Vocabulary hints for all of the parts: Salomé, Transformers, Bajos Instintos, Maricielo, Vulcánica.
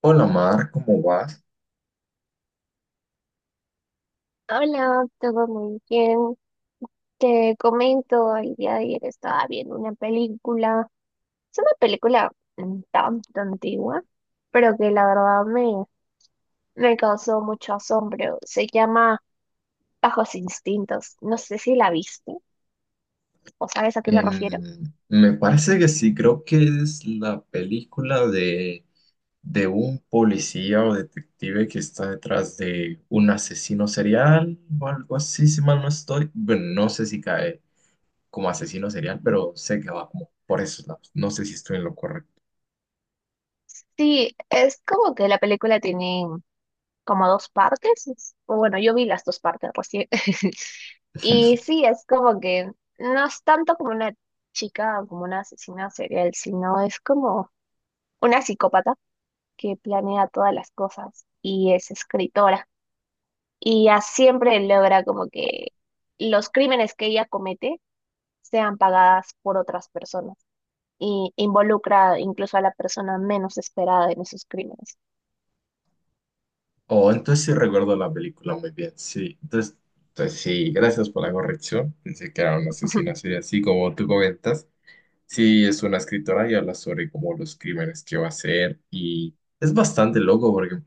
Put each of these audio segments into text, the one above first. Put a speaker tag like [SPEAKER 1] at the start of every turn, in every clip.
[SPEAKER 1] Hola, Mar, ¿cómo vas?
[SPEAKER 2] Hola, todo muy bien. Te comento, el día de ayer estaba viendo una película. Es una película tan antigua, pero que la verdad me causó mucho asombro. Se llama Bajos Instintos. ¿No sé si la viste o sabes a qué me refiero?
[SPEAKER 1] Em, Me parece que sí, creo que es la película de un policía o detective que está detrás de un asesino serial o algo así, si mal no estoy. Bueno, no sé si cae como asesino serial, pero sé que va como por esos lados. No sé si estoy en lo correcto.
[SPEAKER 2] Sí, es como que la película tiene como dos partes. O bueno, yo vi las dos partes recién. Y sí, es como que no es tanto como una chica o como una asesina serial, sino es como una psicópata que planea todas las cosas y es escritora. Y ya siempre logra como que los crímenes que ella comete sean pagadas por otras personas. Y involucra incluso a la persona menos esperada en esos crímenes.
[SPEAKER 1] Oh, entonces sí recuerdo la película muy bien, sí. Entonces sí, gracias por la corrección. Pensé que era un asesino serial, así como tú comentas. Sí, es una escritora y habla sobre como los crímenes que va a hacer y es bastante loco porque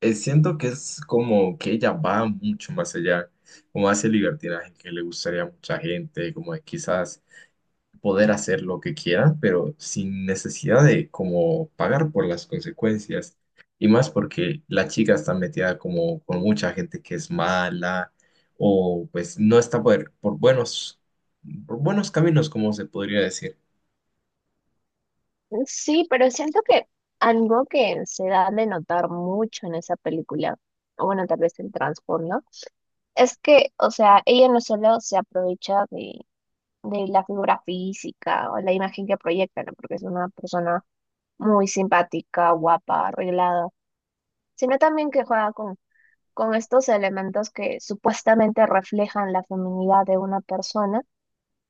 [SPEAKER 1] siento que es como que ella va mucho más allá, como hace libertinaje que le gustaría a mucha gente, como de quizás poder hacer lo que quiera, pero sin necesidad de como pagar por las consecuencias. Y más porque la chica está metida como con mucha gente que es mala o pues no está por buenos caminos, como se podría decir.
[SPEAKER 2] Sí, pero siento que algo que se da de notar mucho en esa película, o bueno, tal vez en Transformers, es que, o sea, ella no solo se aprovecha de la figura física o la imagen que proyecta, ¿no? Porque es una persona muy simpática, guapa, arreglada, sino también que juega con estos elementos que supuestamente reflejan la feminidad de una persona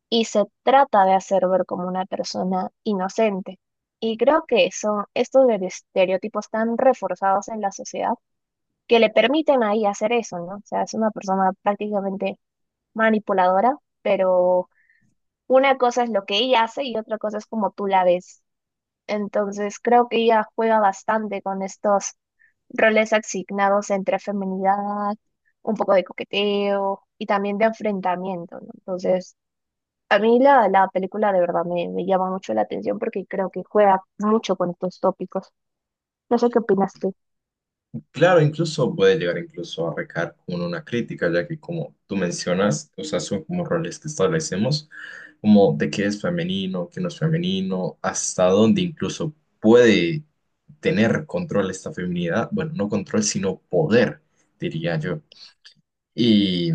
[SPEAKER 2] y se trata de hacer ver como una persona inocente. Y creo que son estos de estereotipos tan reforzados en la sociedad que le permiten ahí hacer eso, ¿no? O sea, es una persona prácticamente manipuladora, pero una cosa es lo que ella hace y otra cosa es como tú la ves. Entonces creo que ella juega bastante con estos roles asignados entre feminidad, un poco de coqueteo y también de enfrentamiento, ¿no? Entonces, a mí la película de verdad me llama mucho la atención porque creo que juega mucho con estos tópicos. No sé qué opinas tú.
[SPEAKER 1] Claro, incluso puede llegar incluso a recaer con una crítica, ya que como tú mencionas, o sea, son como roles que establecemos, como de qué es femenino, qué no es femenino, hasta dónde incluso puede tener control esta feminidad, bueno, no control, sino poder, diría yo. Y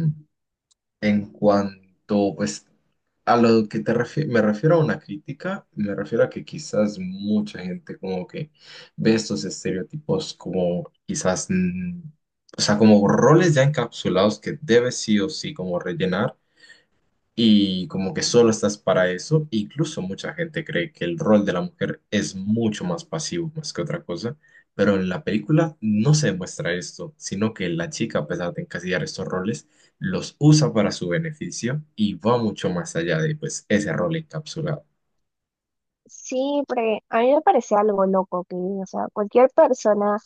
[SPEAKER 1] en cuanto, pues, a lo que me refiero a una crítica, me refiero a que quizás mucha gente como que ve estos estereotipos como quizás, o sea, como roles ya encapsulados que debe sí o sí como rellenar y como que solo estás para eso. Incluso mucha gente cree que el rol de la mujer es mucho más pasivo más que otra cosa, pero en la película no se demuestra esto, sino que la chica, a pesar de encasillar estos roles, los usa para su beneficio y va mucho más allá de pues ese rol encapsulado.
[SPEAKER 2] Sí, porque a mí me parece algo loco que, o sea, cualquier persona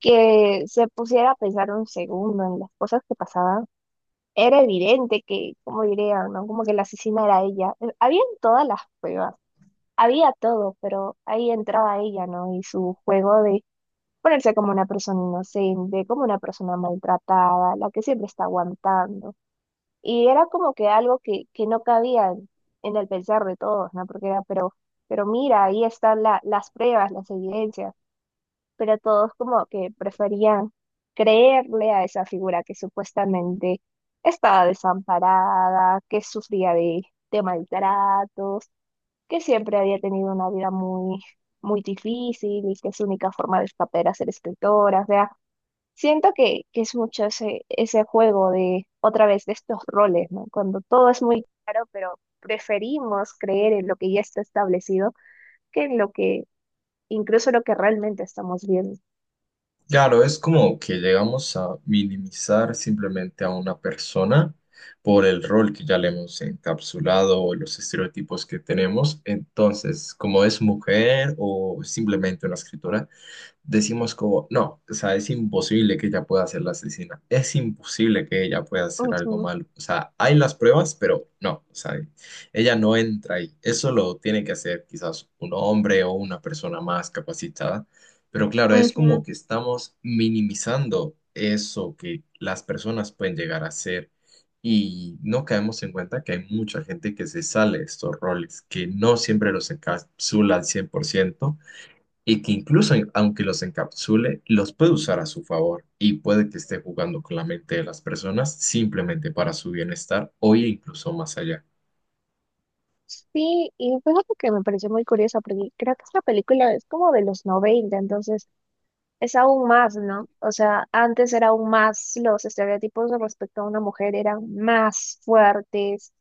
[SPEAKER 2] que se pusiera a pensar un segundo en las cosas que pasaban, era evidente que, como dirían, ¿no? Como que la asesina era ella. Habían todas las pruebas, había todo, pero ahí entraba ella, ¿no? Y su juego de ponerse como una persona inocente, como una persona maltratada, la que siempre está aguantando. Y era como que algo que no cabía en el pensar de todos, ¿no? Porque era, pero mira, ahí están las pruebas, las evidencias, pero todos como que preferían creerle a esa figura que supuestamente estaba desamparada, que sufría de maltratos, que siempre había tenido una vida muy, muy difícil y que su única forma de escapar era ser escritora. O sea, siento que es mucho ese juego de, otra vez, de estos roles, ¿no? Cuando todo es muy claro, pero preferimos creer en lo que ya está establecido que en lo que, incluso lo que realmente estamos viendo.
[SPEAKER 1] Claro, es como que llegamos a minimizar simplemente a una persona por el rol que ya le hemos encapsulado o los estereotipos que tenemos. Entonces, como es mujer o simplemente una escritora, decimos como, no, o sea, es imposible que ella pueda ser la asesina, es imposible que ella pueda hacer algo
[SPEAKER 2] Ujú.
[SPEAKER 1] malo, o sea, hay las pruebas, pero no, o sea, ella no entra ahí, eso lo tiene que hacer quizás un hombre o una persona más capacitada, pero claro, es como
[SPEAKER 2] Ujú.
[SPEAKER 1] que estamos minimizando eso que las personas pueden llegar a hacer. Y no caemos en cuenta que hay mucha gente que se sale de estos roles, que no siempre los encapsula al 100% y que incluso aunque los encapsule, los puede usar a su favor y puede que esté jugando con la mente de las personas simplemente para su bienestar o incluso más allá.
[SPEAKER 2] Sí, y fíjate que me pareció muy curiosa porque creo que esta película es como de los 90, entonces es aún más, ¿no? O sea, antes era aún más, los estereotipos respecto a una mujer eran más fuertes,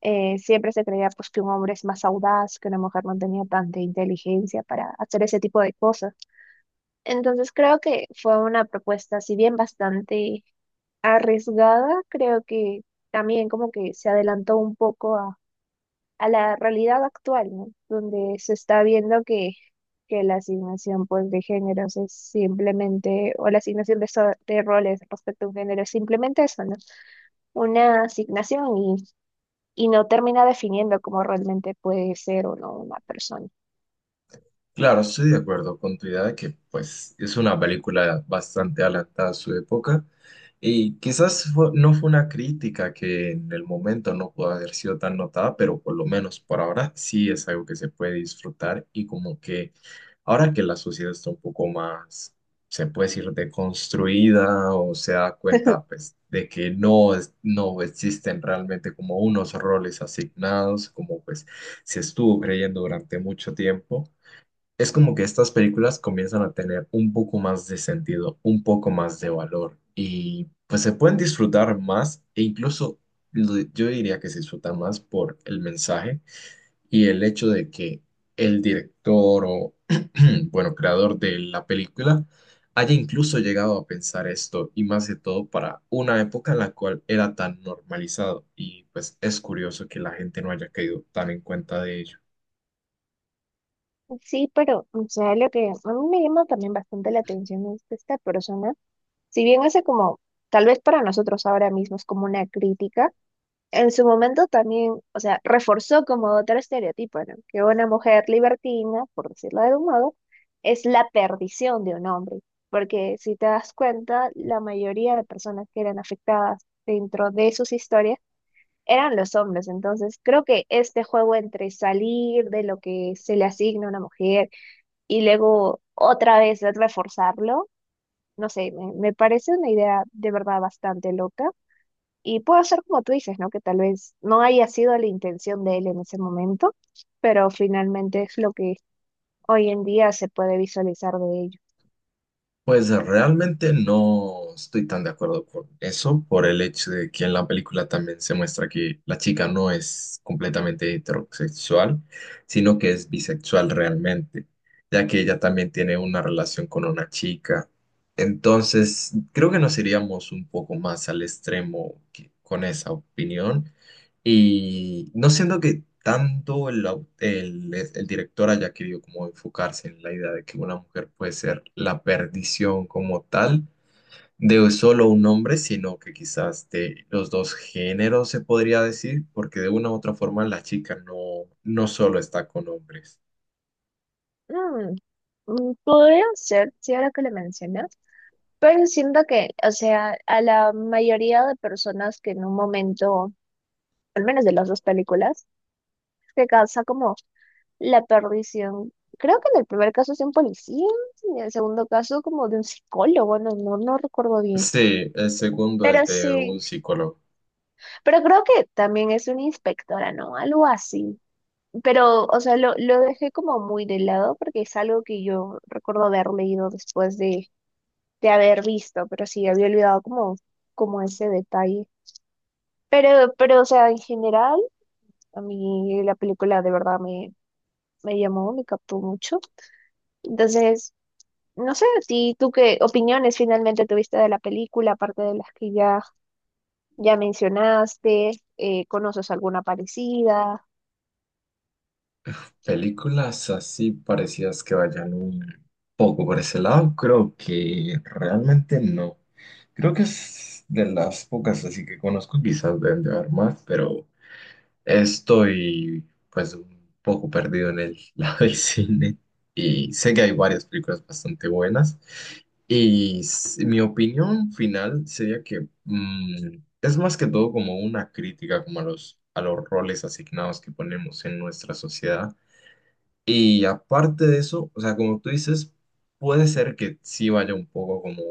[SPEAKER 2] siempre se creía pues que un hombre es más audaz, que una mujer no tenía tanta inteligencia para hacer ese tipo de cosas. Entonces creo que fue una propuesta, si bien bastante arriesgada, creo que también como que se adelantó un poco a la realidad actual, ¿no? Donde se está viendo que la asignación pues, de géneros es simplemente, o la asignación de, de roles respecto a un género es simplemente eso, ¿no? Una asignación y no termina definiendo cómo realmente puede ser o no una persona.
[SPEAKER 1] Claro, estoy de acuerdo con tu idea de que pues es una película bastante adelantada a su época y quizás no fue una crítica que en el momento no pudo haber sido tan notada, pero por lo menos por ahora sí es algo que se puede disfrutar y como que ahora que la sociedad está un poco más, se puede decir, deconstruida o se da cuenta pues de que no, no existen realmente como unos roles asignados, como pues se estuvo creyendo durante mucho tiempo. Es como que estas películas comienzan a tener un poco más de sentido, un poco más de valor y pues se pueden disfrutar más e incluso yo diría que se disfruta más por el mensaje y el hecho de que el director o, bueno, creador de la película haya incluso llegado a pensar esto y más de todo para una época en la cual era tan normalizado y pues es curioso que la gente no haya caído tan en cuenta de ello.
[SPEAKER 2] Sí, pero, o sea, lo que a mí me llama también bastante la atención es que esta persona, si bien hace como, tal vez para nosotros ahora mismo es como una crítica, en su momento también, o sea, reforzó como otro estereotipo, ¿no? Que una mujer libertina, por decirlo de algún modo, es la perdición de un hombre. Porque si te das cuenta, la mayoría de personas que eran afectadas dentro de sus historias eran los hombres. Entonces, creo que este juego entre salir de lo que se le asigna a una mujer y luego otra vez reforzarlo, no sé, me parece una idea de verdad bastante loca y puede ser como tú dices, ¿no? Que tal vez no haya sido la intención de él en ese momento, pero finalmente es lo que hoy en día se puede visualizar de ello.
[SPEAKER 1] Pues realmente no estoy tan de acuerdo con eso, por el hecho de que en la película también se muestra que la chica no es completamente heterosexual, sino que es bisexual realmente, ya que ella también tiene una relación con una chica. Entonces, creo que nos iríamos un poco más al extremo con esa opinión. Y no siento que tanto el director haya querido como enfocarse en la idea de que una mujer puede ser la perdición como tal de solo un hombre, sino que quizás de los dos géneros se podría decir, porque de una u otra forma la chica no, no solo está con hombres.
[SPEAKER 2] Mm, mm, podría ser, sí, ahora que lo mencionas, pero siento que, o sea, a la mayoría de personas que en un momento, al menos de las dos películas, se causa como la perdición. Creo que en el primer caso es de un policía, y en el segundo caso como de un psicólogo, no, no, no recuerdo bien.
[SPEAKER 1] Sí, el segundo es
[SPEAKER 2] Pero
[SPEAKER 1] de un
[SPEAKER 2] sí.
[SPEAKER 1] psicólogo.
[SPEAKER 2] Pero creo que también es una inspectora, ¿no? Algo así. Pero, o sea, lo dejé como muy de lado porque es algo que yo recuerdo haber leído después de haber visto, pero sí, había olvidado como, como ese detalle. Pero, o sea, en general, a mí la película de verdad me llamó, me captó mucho. Entonces, no sé, a ti, ¿tú qué opiniones finalmente tuviste de la película, aparte de las que ya mencionaste? ¿Conoces alguna parecida?
[SPEAKER 1] Películas así parecidas que vayan un poco por ese lado, creo que realmente no. Creo que es de las pocas así que conozco, quizás deben de haber más, pero estoy pues un poco perdido en el lado del cine y sé que hay varias películas bastante buenas y mi opinión final sería que es más que todo como una crítica como a los roles asignados que ponemos en nuestra sociedad y aparte de eso, o sea, como tú dices, puede ser que sí vaya un poco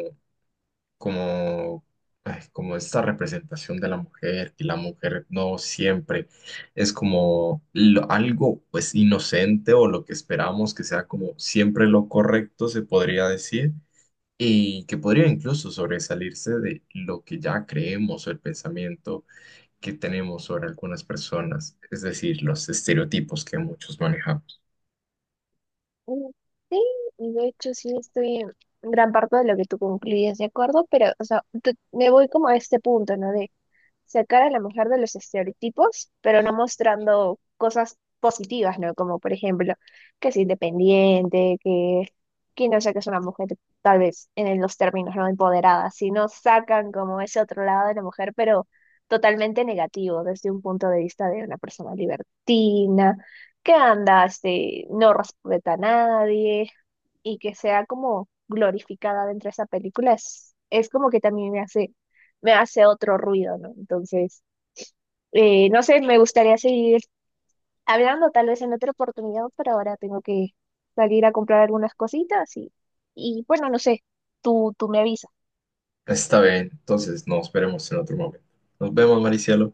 [SPEAKER 1] como, ay, como esta representación de la mujer, que la mujer no siempre es como algo pues inocente o lo que esperamos que sea como siempre lo correcto, se podría decir, y que podría incluso sobresalirse de lo que ya creemos o el pensamiento que tenemos sobre algunas personas, es decir, los estereotipos que muchos manejamos.
[SPEAKER 2] Mm, sí, y de hecho sí estoy en gran parte de lo que tú concluyes, ¿de acuerdo? Pero, o sea, me voy como a este punto, ¿no? Sacar a la mujer de los estereotipos, pero no mostrando cosas positivas, ¿no? Como por ejemplo, que es independiente, que no sé, que es una mujer tal vez en los términos no empoderada, sino sacan como ese otro lado de la mujer, pero totalmente negativo desde un punto de vista de una persona libertina, que anda, este, no respeta a nadie y que sea como glorificada dentro de esa película es como que también me hace otro ruido, ¿no? Entonces, no sé, me gustaría seguir hablando tal vez en otra oportunidad, pero ahora tengo que salir a comprar algunas cositas y bueno, no sé, tú me avisas.
[SPEAKER 1] Está bien, entonces nos veremos en otro momento. Nos vemos, Maricielo.